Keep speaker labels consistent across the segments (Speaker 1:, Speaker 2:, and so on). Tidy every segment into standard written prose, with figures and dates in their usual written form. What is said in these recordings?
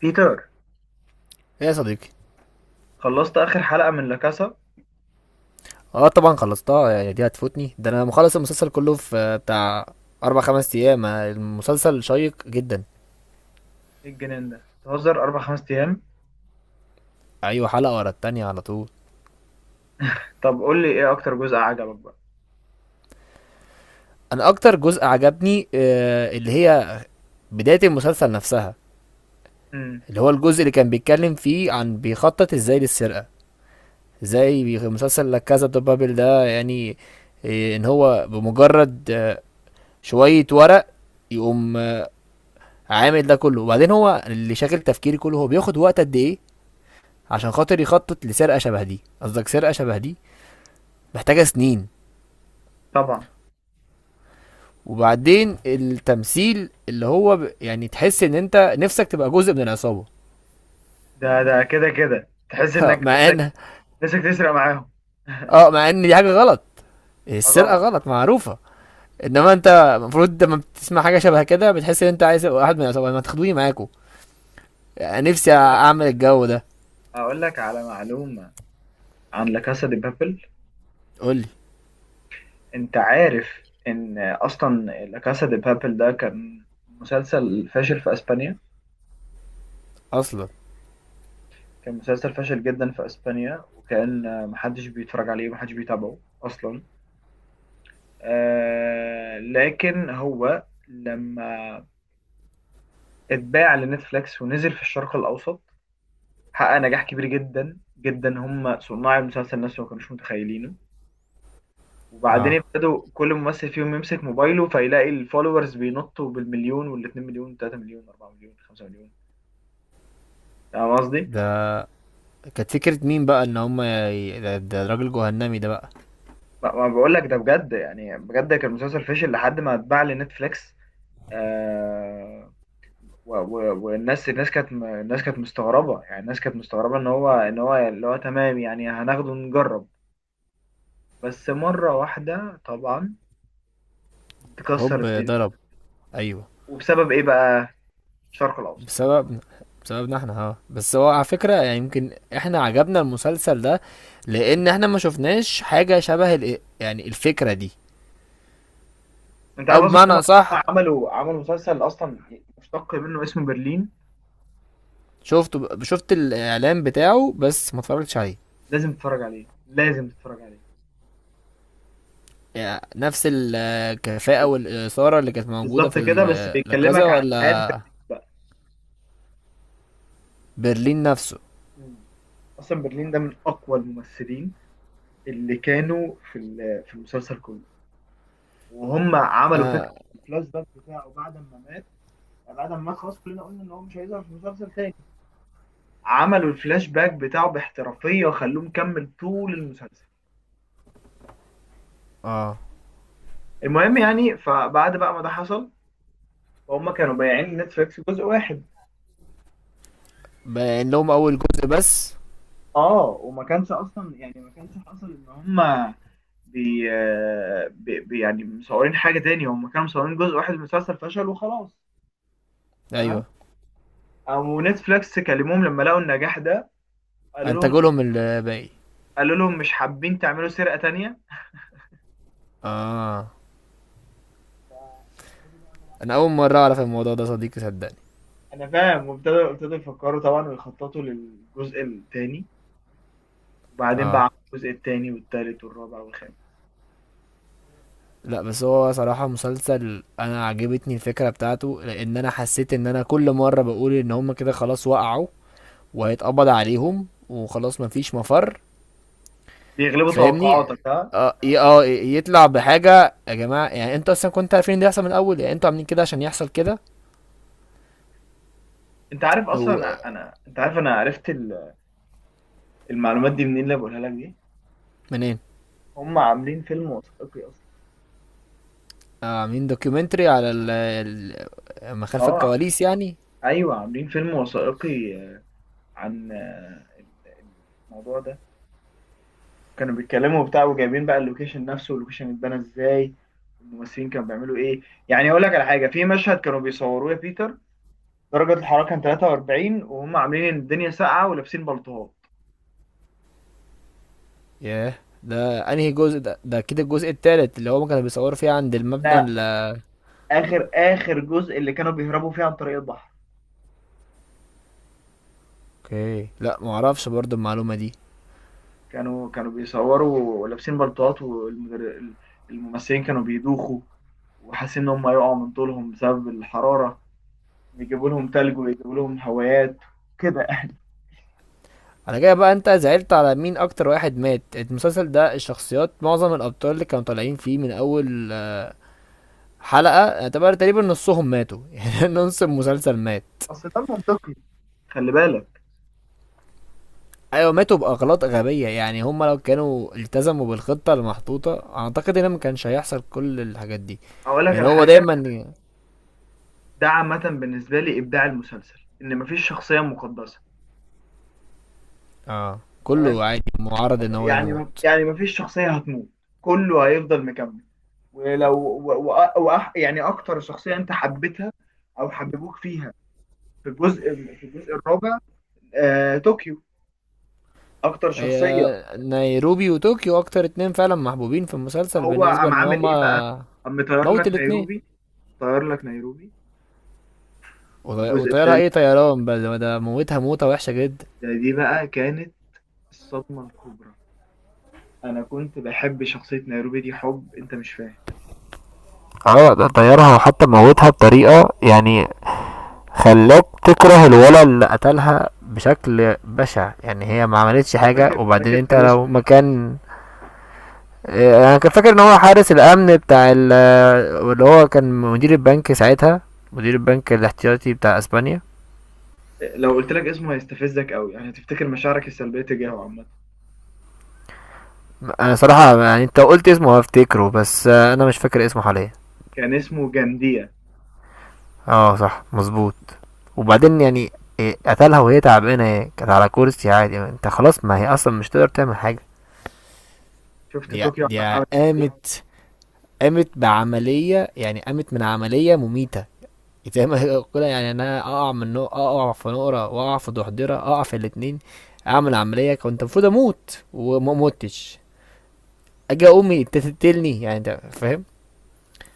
Speaker 1: بيتر،
Speaker 2: ايه يا صديقي.
Speaker 1: خلصت آخر حلقة من لاكاسا.
Speaker 2: اه، طبعا خلصتها. يعني دي هتفوتني؟ ده انا مخلص المسلسل كله في بتاع اربع خمس ايام. المسلسل شيق جدا.
Speaker 1: إيه الجنان ده؟ تهزر أربع خمس أيام؟
Speaker 2: ايوه، حلقة ورا التانية على طول.
Speaker 1: طب قول لي إيه أكتر جزء عجبك بقى.
Speaker 2: انا اكتر جزء عجبني اللي هي بداية المسلسل نفسها،
Speaker 1: امم.
Speaker 2: اللي هو الجزء اللي كان بيتكلم فيه عن بيخطط ازاي للسرقة، ازاي مسلسل لا كازا دو بابل ده يعني. ان هو بمجرد شوية ورق يقوم عامل ده كله. وبعدين هو اللي شاغل تفكيري كله هو بياخد وقت قد ايه عشان خاطر يخطط لسرقه شبه دي؟ قصدك سرقه شبه دي محتاجه سنين.
Speaker 1: طبعا.
Speaker 2: وبعدين التمثيل اللي هو يعني تحس ان انت نفسك تبقى جزء من العصابه.
Speaker 1: ده كده كده تحس إنك
Speaker 2: مع
Speaker 1: نفسك
Speaker 2: ان
Speaker 1: نفسك تسرق معاهم.
Speaker 2: اه، مع ان دي حاجه غلط.
Speaker 1: اه
Speaker 2: السرقه
Speaker 1: طبعا.
Speaker 2: غلط معروفه. انما انت المفروض لما بتسمع حاجه شبه كده بتحس ان انت عايز تبقى واحد من العصابه، ما تاخدوني معاكم. نفسي
Speaker 1: اقول لك
Speaker 2: اعمل الجو ده.
Speaker 1: اقول لك على معلومه عن لا كاسا دي بابل.
Speaker 2: قول لي.
Speaker 1: انت عارف ان اصلا لا كاسا دي بابل ده كان مسلسل فاشل في اسبانيا.
Speaker 2: اصلا؟
Speaker 1: كان مسلسل فاشل جدا في اسبانيا، وكان محدش بيتفرج عليه ومحدش بيتابعه اصلا. لكن هو لما اتباع لنتفليكس ونزل في الشرق الأوسط حقق نجاح كبير جدا جدا. هم صناع المسلسل نفسه ما كانوش متخيلينه. وبعدين
Speaker 2: اه،
Speaker 1: ابتدوا كل ممثل فيهم يمسك موبايله فيلاقي الفولورز بينطوا بالمليون والاتنين مليون وتلاتة مليون واربعة مليون خمسة مليون. فاهم قصدي؟
Speaker 2: ده كانت فكره مين بقى؟ ان هم ده الراجل جهنمي ده بقى.
Speaker 1: ما بقول لك ده بجد، يعني بجد كان المسلسل فشل لحد ما اتباع لنتفليكس. آه و- و- والناس الناس كانت م- الناس كانت مستغربة، يعني الناس كانت مستغربة ان هو اللي هو تمام، يعني هناخده ونجرب بس مرة واحدة. طبعا تكسر
Speaker 2: هوب،
Speaker 1: الدنيا.
Speaker 2: ضرب. ايوه.
Speaker 1: وبسبب ايه بقى؟ الشرق الاوسط.
Speaker 2: بسببنا، بسببنا احنا. اه، بس هو على فكرة يعني يمكن احنا عجبنا المسلسل ده لان احنا ما شفناش حاجة شبه يعني الفكرة دي.
Speaker 1: انت
Speaker 2: او
Speaker 1: عارف اصلا
Speaker 2: بمعنى
Speaker 1: هم
Speaker 2: اصح.
Speaker 1: عملوا مسلسل اصلا مشتق منه اسمه برلين.
Speaker 2: شفت الاعلان بتاعه بس ما اتفرجتش عليه.
Speaker 1: لازم تتفرج عليه، لازم تتفرج عليه.
Speaker 2: يعني نفس الكفاءة والإثارة اللي كانت موجودة
Speaker 1: بالظبط
Speaker 2: في
Speaker 1: كده، بس
Speaker 2: الكذا،
Speaker 1: بيكلمك عن حياة برلين
Speaker 2: ولا
Speaker 1: بقى.
Speaker 2: برلين نفسه؟
Speaker 1: مم. اصلا برلين ده من اقوى الممثلين اللي كانوا في المسلسل كله. وهم عملوا فكره
Speaker 2: انا.
Speaker 1: الفلاش باك بتاعه بعد ما مات. يعني بعد ما مات خلاص كلنا قلنا ان هو مش هيظهر في المسلسل تاني. عملوا الفلاش باك بتاعه باحترافيه وخلوه مكمل طول المسلسل.
Speaker 2: اه،
Speaker 1: المهم يعني فبعد بقى ما ده حصل، فهم كانوا بايعين نتفليكس جزء واحد.
Speaker 2: بان لهم اول جزء بس.
Speaker 1: اه وما كانش اصلا، يعني ما كانش حصل ان هم بي, يعني مصورين حاجه تاني. هم كانوا مصورين جزء واحد من المسلسل، فشل وخلاص. تمام.
Speaker 2: ايوه،
Speaker 1: او نتفليكس كلموهم لما لقوا النجاح ده، قالوا
Speaker 2: انتجوا لهم الباقي.
Speaker 1: قالوا لهم مش حابين تعملوا سرقة تانية؟
Speaker 2: اه،
Speaker 1: ف- فابتدوا بقى طبعا.
Speaker 2: انا اول مرة اعرف الموضوع ده صديقي، صدقني.
Speaker 1: يعني انا فاهم، وابتدوا يفكروا طبعا ويخططوا للجزء التاني. وبعدين بقى
Speaker 2: اه،
Speaker 1: عملوا الجزء التاني والتالت والرابع والخامس.
Speaker 2: لا بس هو صراحة مسلسل انا عجبتني الفكرة بتاعته لان انا حسيت ان انا كل مرة بقول ان هما كده خلاص وقعوا وهيتقبض عليهم وخلاص مفيش مفر.
Speaker 1: بيغلبوا
Speaker 2: فاهمني.
Speaker 1: توقعاتك ها.
Speaker 2: اه، يطلع بحاجة يا جماعة، يعني انتوا اصلا كنتوا عارفين ان ده يحصل من الاول، يعني انتوا عاملين كده عشان يحصل كده.
Speaker 1: انت عارف اصلا
Speaker 2: و-
Speaker 1: انا انت عارف انا عرفت المعلومات دي منين اللي بقولها لك دي.
Speaker 2: منين؟
Speaker 1: هم عاملين فيلم وثائقي اصلا.
Speaker 2: عاملين دوكيومنتري على ما خلف
Speaker 1: اه
Speaker 2: الكواليس يعني.
Speaker 1: ايوه عاملين فيلم وثائقي عن الموضوع ده. كانوا بيتكلموا وبتاع، وجايبين بقى اللوكيشن نفسه واللوكيشن اتبنى ازاي، والممثلين كانوا بيعملوا ايه. يعني اقول لك على حاجه، في مشهد كانوا بيصوروه يا بيتر، درجه الحراره كان 43 وهم عاملين الدنيا ساقعه ولابسين بلطوات.
Speaker 2: ياه. ده انهي جزء ده كده الجزء التالت اللي هو كانوا بيصوروا فيه عند المبنى
Speaker 1: لا،
Speaker 2: ال-
Speaker 1: اخر جزء اللي كانوا بيهربوا فيه عن طريق البحر.
Speaker 2: اوكي، لا معرفش برضو المعلومة دي.
Speaker 1: كانوا بيصوروا ولابسين بلطوات، والممثلين كانوا بيدوخوا وحاسين ان هم هيقعوا من طولهم بسبب الحراره. بيجيبوا لهم تلج ويجيبوا لهم هوايات كده يعني.
Speaker 2: على كده بقى انت زعلت على مين اكتر؟ واحد مات المسلسل ده، الشخصيات، معظم الابطال اللي كانوا طالعين فيه من اول حلقة، اعتبر تقريبا نصهم ماتوا يعني نص المسلسل مات.
Speaker 1: اصل ده منطقي. خلي بالك،
Speaker 2: ايوه، ماتوا باغلاط غبية، يعني هم لو كانوا التزموا بالخطة المحطوطة اعتقد ان ما كانش هيحصل كل الحاجات دي.
Speaker 1: اقول لك
Speaker 2: يعني
Speaker 1: على
Speaker 2: هو
Speaker 1: حاجه،
Speaker 2: دايما.
Speaker 1: ده عامة بالنسبة لي إبداع المسلسل إن مفيش شخصية مقدسة.
Speaker 2: اه،
Speaker 1: تمام.
Speaker 2: كله عادي معرض ان هو
Speaker 1: يعني
Speaker 2: يموت.
Speaker 1: يعني مفيش شخصية هتموت، كله هيفضل مكمل. ولو يعني أكتر شخصية أنت حبيتها أو حببوك فيها في الجزء، في الجزء الرابع، طوكيو، أكتر شخصية.
Speaker 2: هي. نيروبي وطوكيو اكتر اتنين فعلا محبوبين في المسلسل
Speaker 1: هو
Speaker 2: بالنسبة
Speaker 1: قام
Speaker 2: لان
Speaker 1: عامل إيه بقى؟
Speaker 2: هما.
Speaker 1: قام مطير
Speaker 2: موت
Speaker 1: لك
Speaker 2: الاتنين.
Speaker 1: نيروبي، طير لك نيروبي. في الجزء
Speaker 2: وطيارة،
Speaker 1: الثالث
Speaker 2: ايه طيران بقى، ده موتها موتة وحشة جدا.
Speaker 1: ده، دي بقى كانت الصدمة الكبرى. أنا كنت بحب شخصية نيروبي دي حب أنت مش فاهم.
Speaker 2: اه، ده طيرها وحتى موتها بطريقة يعني خلاك تكره الولد اللي قتلها بشكل بشع، يعني هي ما عملتش حاجة
Speaker 1: فاكر
Speaker 2: وبعدين
Speaker 1: فاكر
Speaker 2: انت
Speaker 1: كان
Speaker 2: لو
Speaker 1: اسمه.
Speaker 2: مكان. اه، انا كنت فاكر ان هو حارس الامن بتاع اللي هو كان مدير البنك ساعتها، مدير البنك الاحتياطي بتاع اسبانيا.
Speaker 1: لو قلت لك اسمه هيستفزك قوي، يعني هتفتكر مشاعرك السلبيه تجاهه عامه.
Speaker 2: انا صراحة يعني انت قلت اسمه هفتكره بس انا مش فاكر اسمه حاليا.
Speaker 1: كان اسمه جانديا.
Speaker 2: اه صح مظبوط. وبعدين يعني. إيه، قتلها وهي تعبانه، هي كانت على كرسي عادي يعني انت خلاص، ما هي اصلا مش تقدر تعمل حاجه.
Speaker 1: شفت
Speaker 2: دي
Speaker 1: طوكيو
Speaker 2: دي
Speaker 1: عمل ايه؟
Speaker 2: قامت قامت بعملية، يعني قامت من عملية مميتة. زي ما يقول يعني انا اقع من اقع في نقرة واقع في ضحضرة اقع في الاتنين، اعمل عملية كنت المفروض اموت وما متش، اجي امي انت تقتلني يعني، انت فاهم.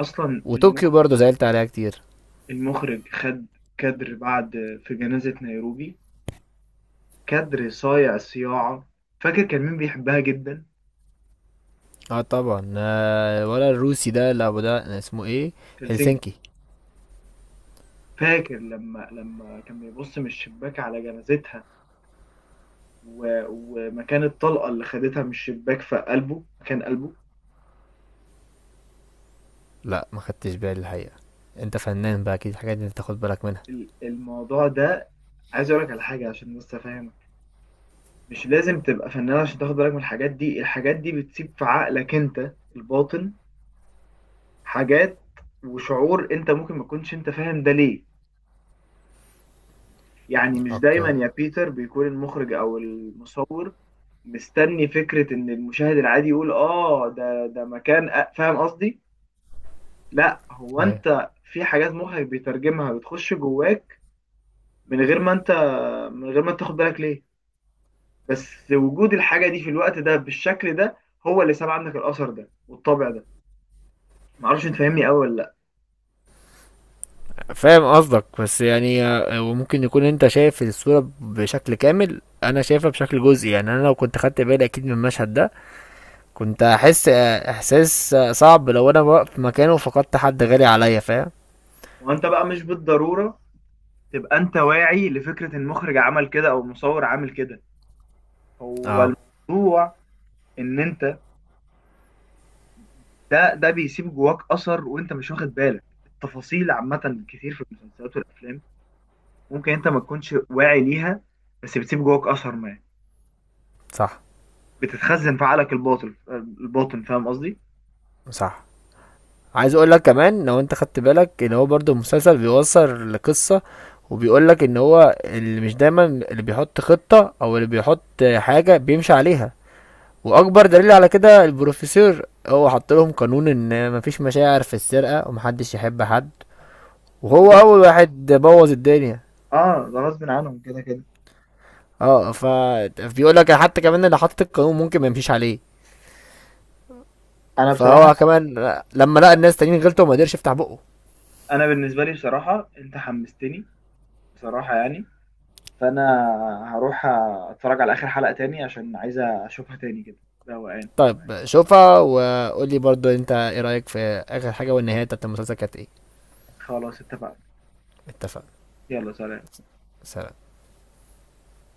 Speaker 1: اصلا
Speaker 2: وطوكيو برضه زعلت عليها كتير.
Speaker 1: المخرج خد كادر بعد في جنازه نيروبي، كادر صايع صياعه. فاكر كان مين بيحبها جدا؟
Speaker 2: اه طبعا، ولا الروسي ده اللي ابو ده اسمه ايه؟
Speaker 1: هلسنكي.
Speaker 2: هلسنكي.
Speaker 1: فاكر لما كان بيبص من الشباك على جنازتها، ومكان الطلقه اللي خدتها من الشباك في قلبه مكان قلبه.
Speaker 2: لا ما خدتش بالي الحقيقة. انت فنان بقى اكيد الحاجات دي انت تاخد بالك منها.
Speaker 1: الموضوع ده، عايز اقول لك على حاجه عشان بس افهم. مش لازم تبقى فنان عشان تاخد بالك من الحاجات دي. الحاجات دي بتسيب في عقلك انت الباطن حاجات وشعور انت ممكن ما تكونش انت فاهم ده ليه. يعني مش دايما
Speaker 2: اوكي.
Speaker 1: يا بيتر بيكون المخرج او المصور مستني فكرة ان المشاهد العادي يقول اه ده مكان فاهم قصدي. لا، هو
Speaker 2: ايوه.
Speaker 1: انت في حاجات مخك بيترجمها بتخش جواك من غير ما من غير ما تاخد بالك ليه. بس وجود الحاجة دي في الوقت ده بالشكل ده هو اللي ساب عنك الأثر ده والطبع ده. معرفش انت فاهمني قوي ولا لا.
Speaker 2: فاهم قصدك بس يعني وممكن يكون انت شايف الصورة بشكل كامل انا شايفها بشكل جزئي، يعني انا لو كنت خدت بالي اكيد من المشهد ده كنت هحس احساس صعب لو انا واقف مكانه وفقدت حد غالي عليا، فاهم.
Speaker 1: وانت بقى مش بالضروره تبقى انت واعي لفكره المخرج عمل كده او المصور عامل كده. هو
Speaker 2: اه،
Speaker 1: الموضوع ان انت ده بيسيب جواك اثر، وانت مش واخد بالك التفاصيل. عامه كتير في المسلسلات والافلام ممكن انت ما تكونش واعي ليها، بس بتسيب جواك اثر، ما
Speaker 2: صح
Speaker 1: بتتخزن في عقلك الباطن، فاهم قصدي.
Speaker 2: صح. عايز اقول لك كمان لو انت خدت بالك ان هو برضو المسلسل بيوصل لقصة وبيقول لك ان هو اللي مش دايما اللي بيحط خطة او اللي بيحط حاجة بيمشي عليها، واكبر دليل على كده البروفيسور، هو حط لهم قانون ان مفيش مشاعر في السرقة ومحدش يحب حد، وهو
Speaker 1: وده
Speaker 2: اول واحد بوظ الدنيا.
Speaker 1: اه ده غصب عنهم كده كده.
Speaker 2: اه، بيقول لك حتى كمان اللي حط القانون ممكن ما يمشيش عليه،
Speaker 1: انا بصراحه
Speaker 2: فهو كمان لما لقى الناس تانيين غلطوا ما قدرش يفتح بقه.
Speaker 1: انا بالنسبه لي بصراحه، انت حمستني. بصراحه يعني. فانا هروح اتفرج على اخر حلقة تاني عشان عايز اشوفها تاني كده بقى.
Speaker 2: طيب شوفها وقول لي برضو انت ايه رايك في اخر حاجه والنهايه بتاعت المسلسل كانت ايه؟
Speaker 1: خلاص اتفقنا.
Speaker 2: اتفقنا.
Speaker 1: يلا سلام.
Speaker 2: سلام.